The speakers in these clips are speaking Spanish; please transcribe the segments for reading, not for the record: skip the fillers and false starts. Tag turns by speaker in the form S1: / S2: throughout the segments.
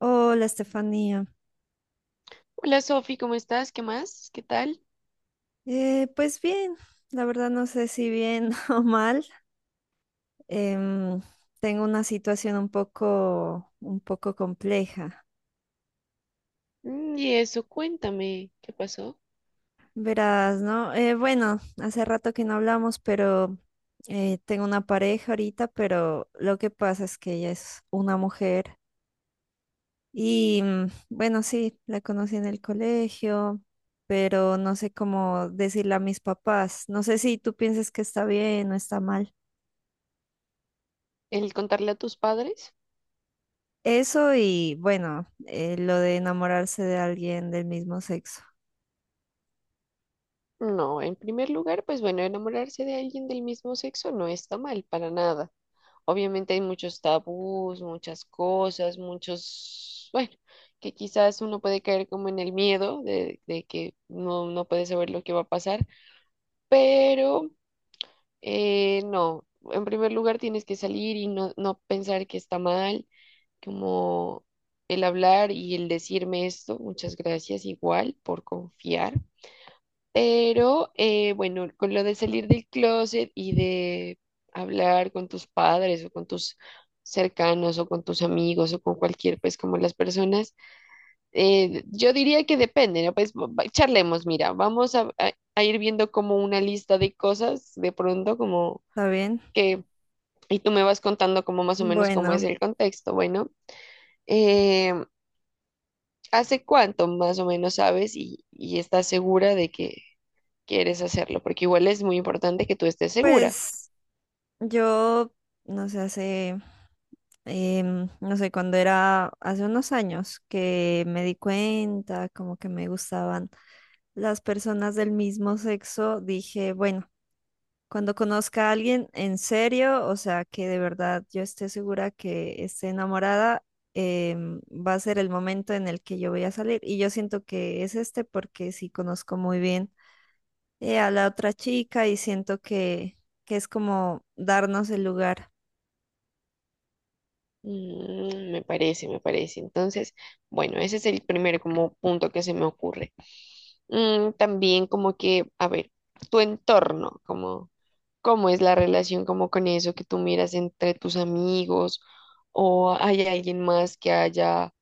S1: Hola, Estefanía.
S2: Hola Sofi, ¿cómo estás? ¿Qué más? ¿Qué tal?
S1: Pues bien, la verdad no sé si bien o mal. Em, Tengo una situación un poco compleja.
S2: Mm, y eso, cuéntame, ¿qué pasó?
S1: Verás, ¿no? Bueno, hace rato que no hablamos, pero tengo una pareja ahorita, pero lo que pasa es que ella es una mujer y bueno, sí, la conocí en el colegio, pero no sé cómo decirle a mis papás. No sé si tú piensas que está bien o está mal.
S2: ¿El contarle a tus padres?
S1: Eso y bueno, lo de enamorarse de alguien del mismo sexo,
S2: No, en primer lugar, pues bueno, enamorarse de alguien del mismo sexo no está mal para nada. Obviamente hay muchos tabús, muchas cosas, muchos, bueno, que quizás uno puede caer como en el miedo de que no, no puede saber lo que va a pasar, pero no, en primer lugar tienes que salir y no, no pensar que está mal, como el hablar y el decirme esto, muchas gracias igual por confiar. Pero bueno, con lo de salir del closet y de hablar con tus padres o con tus cercanos o con tus amigos o con cualquier, pues como las personas, yo diría que depende, ¿no? Pues charlemos, mira, vamos a, a ir viendo como una lista de cosas de pronto, como...
S1: ¿está bien?
S2: que y tú me vas contando como más o menos cómo es
S1: Bueno,
S2: el contexto. Bueno, eh, ¿hace cuánto más o menos sabes y estás segura de que quieres hacerlo? Porque igual es muy importante que tú estés segura.
S1: pues yo, no sé, hace, no sé, cuando era hace unos años que me di cuenta como que me gustaban las personas del mismo sexo, dije, bueno. Cuando conozca a alguien en serio, o sea, que de verdad yo esté segura que esté enamorada, va a ser el momento en el que yo voy a salir. Y yo siento que es este porque sí conozco muy bien a la otra chica y siento que es como darnos el lugar.
S2: Mm, me parece, me parece. Entonces, bueno, ese es el primer como punto que se me ocurre. Mm, también como que, a ver, tu entorno, como cómo es la relación como con eso que tú miras entre tus amigos o hay alguien más que haya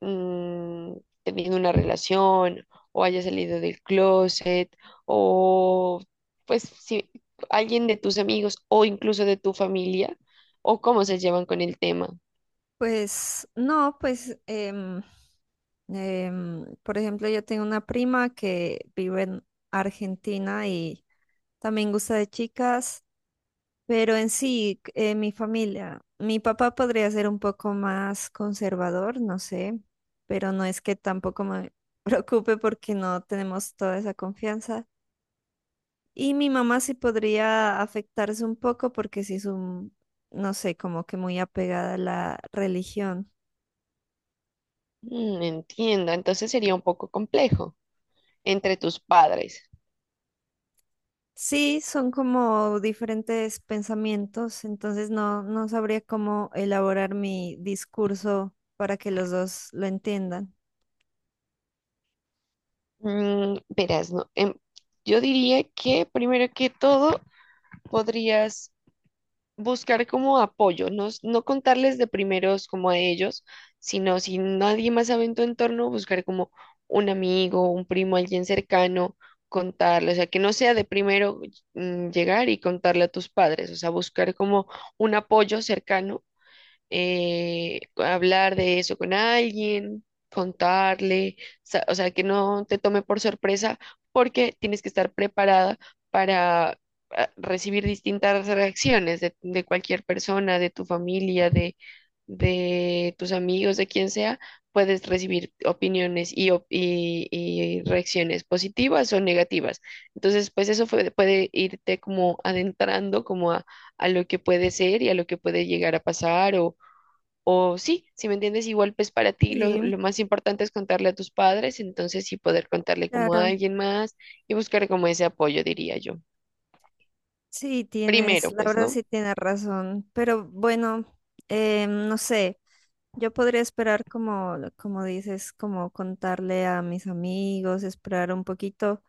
S2: mm, tenido una relación o haya salido del closet o pues si alguien de tus amigos o incluso de tu familia o cómo se llevan con el tema.
S1: Pues no, pues, por ejemplo, yo tengo una prima que vive en Argentina y también gusta de chicas. Pero en sí, mi familia, mi papá podría ser un poco más conservador, no sé, pero no es que tampoco me preocupe porque no tenemos toda esa confianza. Y mi mamá sí podría afectarse un poco porque sí es un, no sé, como que muy apegada a la religión.
S2: Mm, entiendo, entonces sería un poco complejo entre tus padres.
S1: Sí, son como diferentes pensamientos, entonces no, no sabría cómo elaborar mi discurso para que los dos lo entiendan.
S2: Mm, verás, no, yo diría que primero que todo podrías buscar como apoyo, no, no contarles de primeros como a ellos, sino si nadie más sabe en tu entorno, buscar como un amigo, un primo, alguien cercano, contarle, o sea, que no sea de primero llegar y contarle a tus padres, o sea, buscar como un apoyo cercano hablar de eso con alguien, contarle, o sea, que no te tome por sorpresa porque tienes que estar preparada para recibir distintas reacciones de cualquier persona, de tu familia, de tus amigos, de quien sea. Puedes recibir opiniones y, y reacciones positivas o negativas. Entonces, pues eso puede irte como adentrando como a lo que puede ser y a lo que puede llegar a pasar o sí, si me entiendes, igual pues para ti
S1: Sí,
S2: lo más importante es contarle a tus padres, entonces sí poder contarle como a
S1: claro.
S2: alguien más y buscar como ese apoyo, diría yo.
S1: Sí, tienes,
S2: Primero,
S1: la
S2: pues,
S1: verdad
S2: ¿no?
S1: sí tienes razón, pero bueno, no sé, yo podría esperar como, como dices, como contarle a mis amigos, esperar un poquito,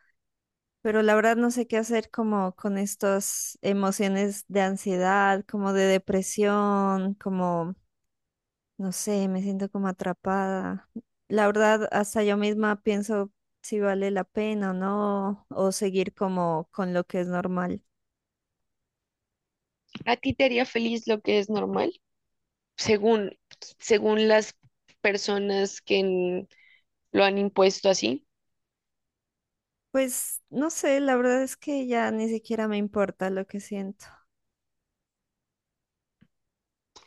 S1: pero la verdad no sé qué hacer como con estas emociones de ansiedad, como de depresión, como, no sé, me siento como atrapada. La verdad, hasta yo misma pienso si vale la pena o no, o seguir como con lo que es normal.
S2: ¿A ti te haría feliz lo que es normal? Según, según las personas que lo han impuesto así.
S1: Pues no sé, la verdad es que ya ni siquiera me importa lo que siento.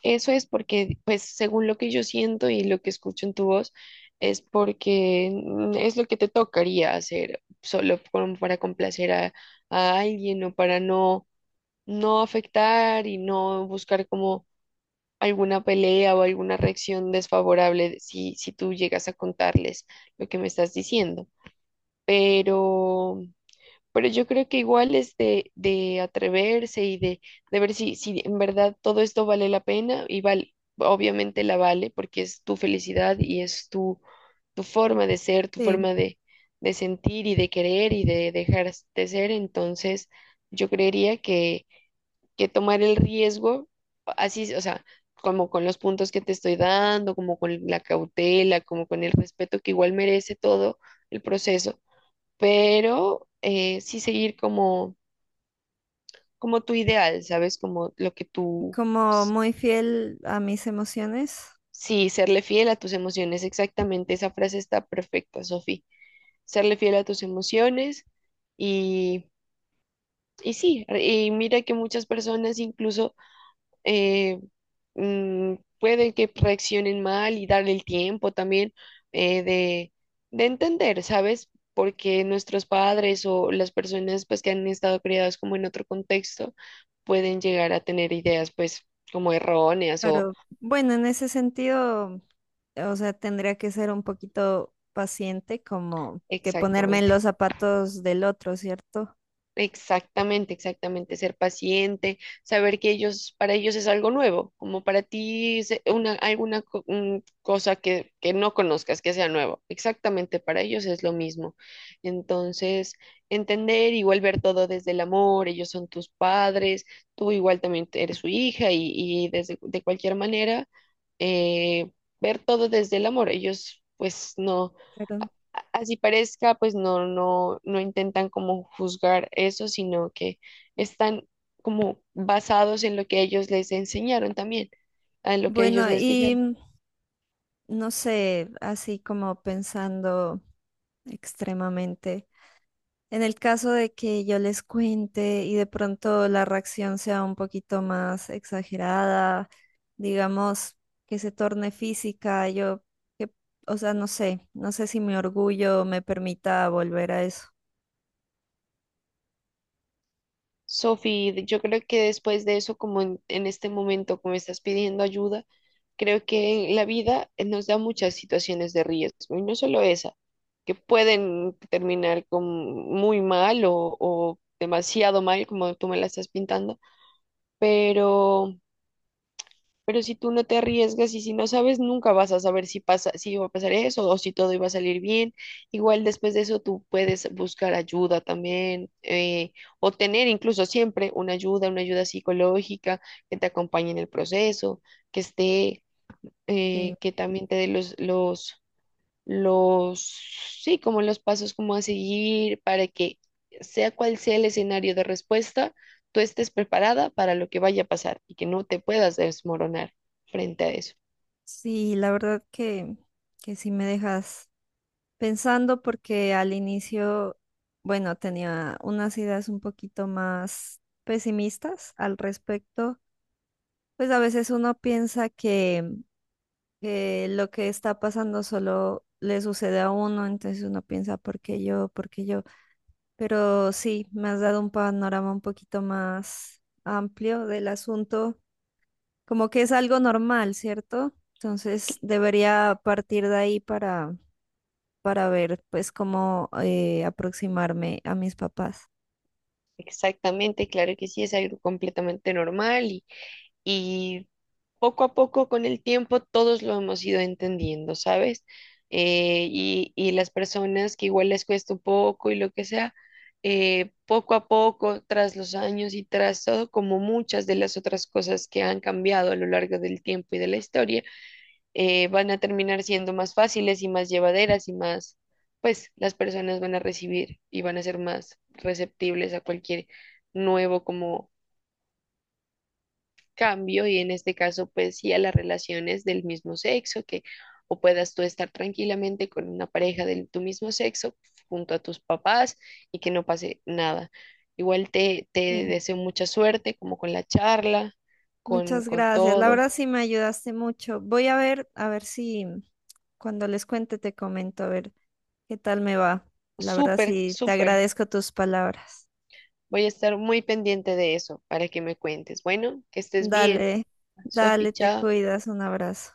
S2: Eso es porque, pues, según lo que yo siento y lo que escucho en tu voz, es porque es lo que te tocaría hacer, solo como para complacer a alguien o para no no afectar y no buscar como alguna pelea o alguna reacción desfavorable si, si tú llegas a contarles lo que me estás diciendo. Pero, pero yo creo que igual es de atreverse y de ver si, si en verdad todo esto vale la pena y vale, obviamente la vale porque es tu felicidad y es tu, tu forma de ser, tu
S1: Sí.
S2: forma de sentir y de querer y de dejar de ser. Entonces, yo creería que tomar el riesgo, así, o sea, como con los puntos que te estoy dando, como con la cautela, como con el respeto que igual merece todo el proceso, pero sí seguir como, como tu ideal, ¿sabes? Como lo que tú,
S1: Como
S2: s-
S1: muy fiel a mis emociones,
S2: sí, serle fiel a tus emociones, exactamente, esa frase está perfecta, Sofi, serle fiel a tus emociones y, y sí, y mira que muchas personas incluso eh, pueden que reaccionen mal y darle el tiempo también eh, de, de entender, ¿sabes? Porque nuestros padres o las personas pues que han estado criadas como en otro contexto pueden llegar a tener ideas pues como erróneas o
S1: pero bueno, en ese sentido, o sea, tendría que ser un poquito paciente, como que ponerme en los
S2: exactamente.
S1: zapatos del otro, ¿cierto?
S2: Exactamente, exactamente, ser paciente, saber que ellos, para ellos es algo nuevo, como para ti es una, alguna un cosa que no conozcas, que sea nuevo, exactamente, para ellos es lo mismo. Entonces, entender, igual ver todo desde el amor, ellos son tus padres, tú igual también eres su hija y desde, de cualquier manera, eh, ver todo desde el amor, ellos pues no
S1: Pero
S2: así parezca, pues no, no, no intentan como juzgar eso, sino que están como basados en lo que ellos les enseñaron también, en lo que ellos
S1: bueno,
S2: les
S1: y
S2: dijeron.
S1: no sé, así como pensando extremadamente. En el caso de que yo les cuente y de pronto la reacción sea un poquito más exagerada, digamos que se torne física, yo, que, o sea, no sé, no sé si mi orgullo me permita volver a eso.
S2: Sophie, yo creo que después de eso, como en este momento, como estás pidiendo ayuda, creo que la vida nos da muchas situaciones de riesgo, y no solo esa, que pueden terminar con muy mal o demasiado mal, como tú me la estás pintando, pero pero si tú no te arriesgas y si no sabes, nunca vas a saber si pasa, si va a pasar eso o si todo iba a salir bien. Igual después de eso tú puedes buscar ayuda también o tener incluso siempre una ayuda psicológica que te acompañe en el proceso, que esté,
S1: Sí,
S2: que también te dé los, sí, como los pasos como a seguir para que sea cual sea el escenario de respuesta, tú estés preparada para lo que vaya a pasar y que no te puedas desmoronar frente a eso.
S1: sí, la verdad que sí me dejas pensando porque al inicio, bueno, tenía unas ideas un poquito más pesimistas al respecto. Pues a veces uno piensa que lo que está pasando solo le sucede a uno, entonces uno piensa, ¿por qué yo? ¿Por qué yo? Pero sí, me has dado un panorama un poquito más amplio del asunto, como que es algo normal, ¿cierto? Entonces debería partir de ahí para ver pues cómo aproximarme a mis papás.
S2: Exactamente, claro que sí, es algo completamente normal y poco a poco con el tiempo todos lo hemos ido entendiendo, ¿sabes? Y las personas que igual les cuesta un poco y lo que sea, poco a poco, tras los años y tras todo, como muchas de las otras cosas que han cambiado a lo largo del tiempo y de la historia, van a terminar siendo más fáciles y más llevaderas y más, pues las personas van a recibir y van a ser más receptibles a cualquier nuevo como cambio y en este caso pues sí a las relaciones del mismo sexo, que o puedas tú estar tranquilamente con una pareja de tu mismo sexo junto a tus papás y que no pase nada. Igual te, te
S1: Sí.
S2: deseo mucha suerte como con la charla,
S1: Muchas
S2: con
S1: gracias, la
S2: todo.
S1: verdad sí me ayudaste mucho. Voy a ver si... Cuando les cuente, te comento a ver qué tal me va. La verdad,
S2: Súper,
S1: sí, te
S2: súper.
S1: agradezco tus palabras.
S2: Voy a estar muy pendiente de eso para que me cuentes. Bueno, que estés bien.
S1: Dale,
S2: Sofi,
S1: dale, te
S2: chao.
S1: cuidas. Un abrazo.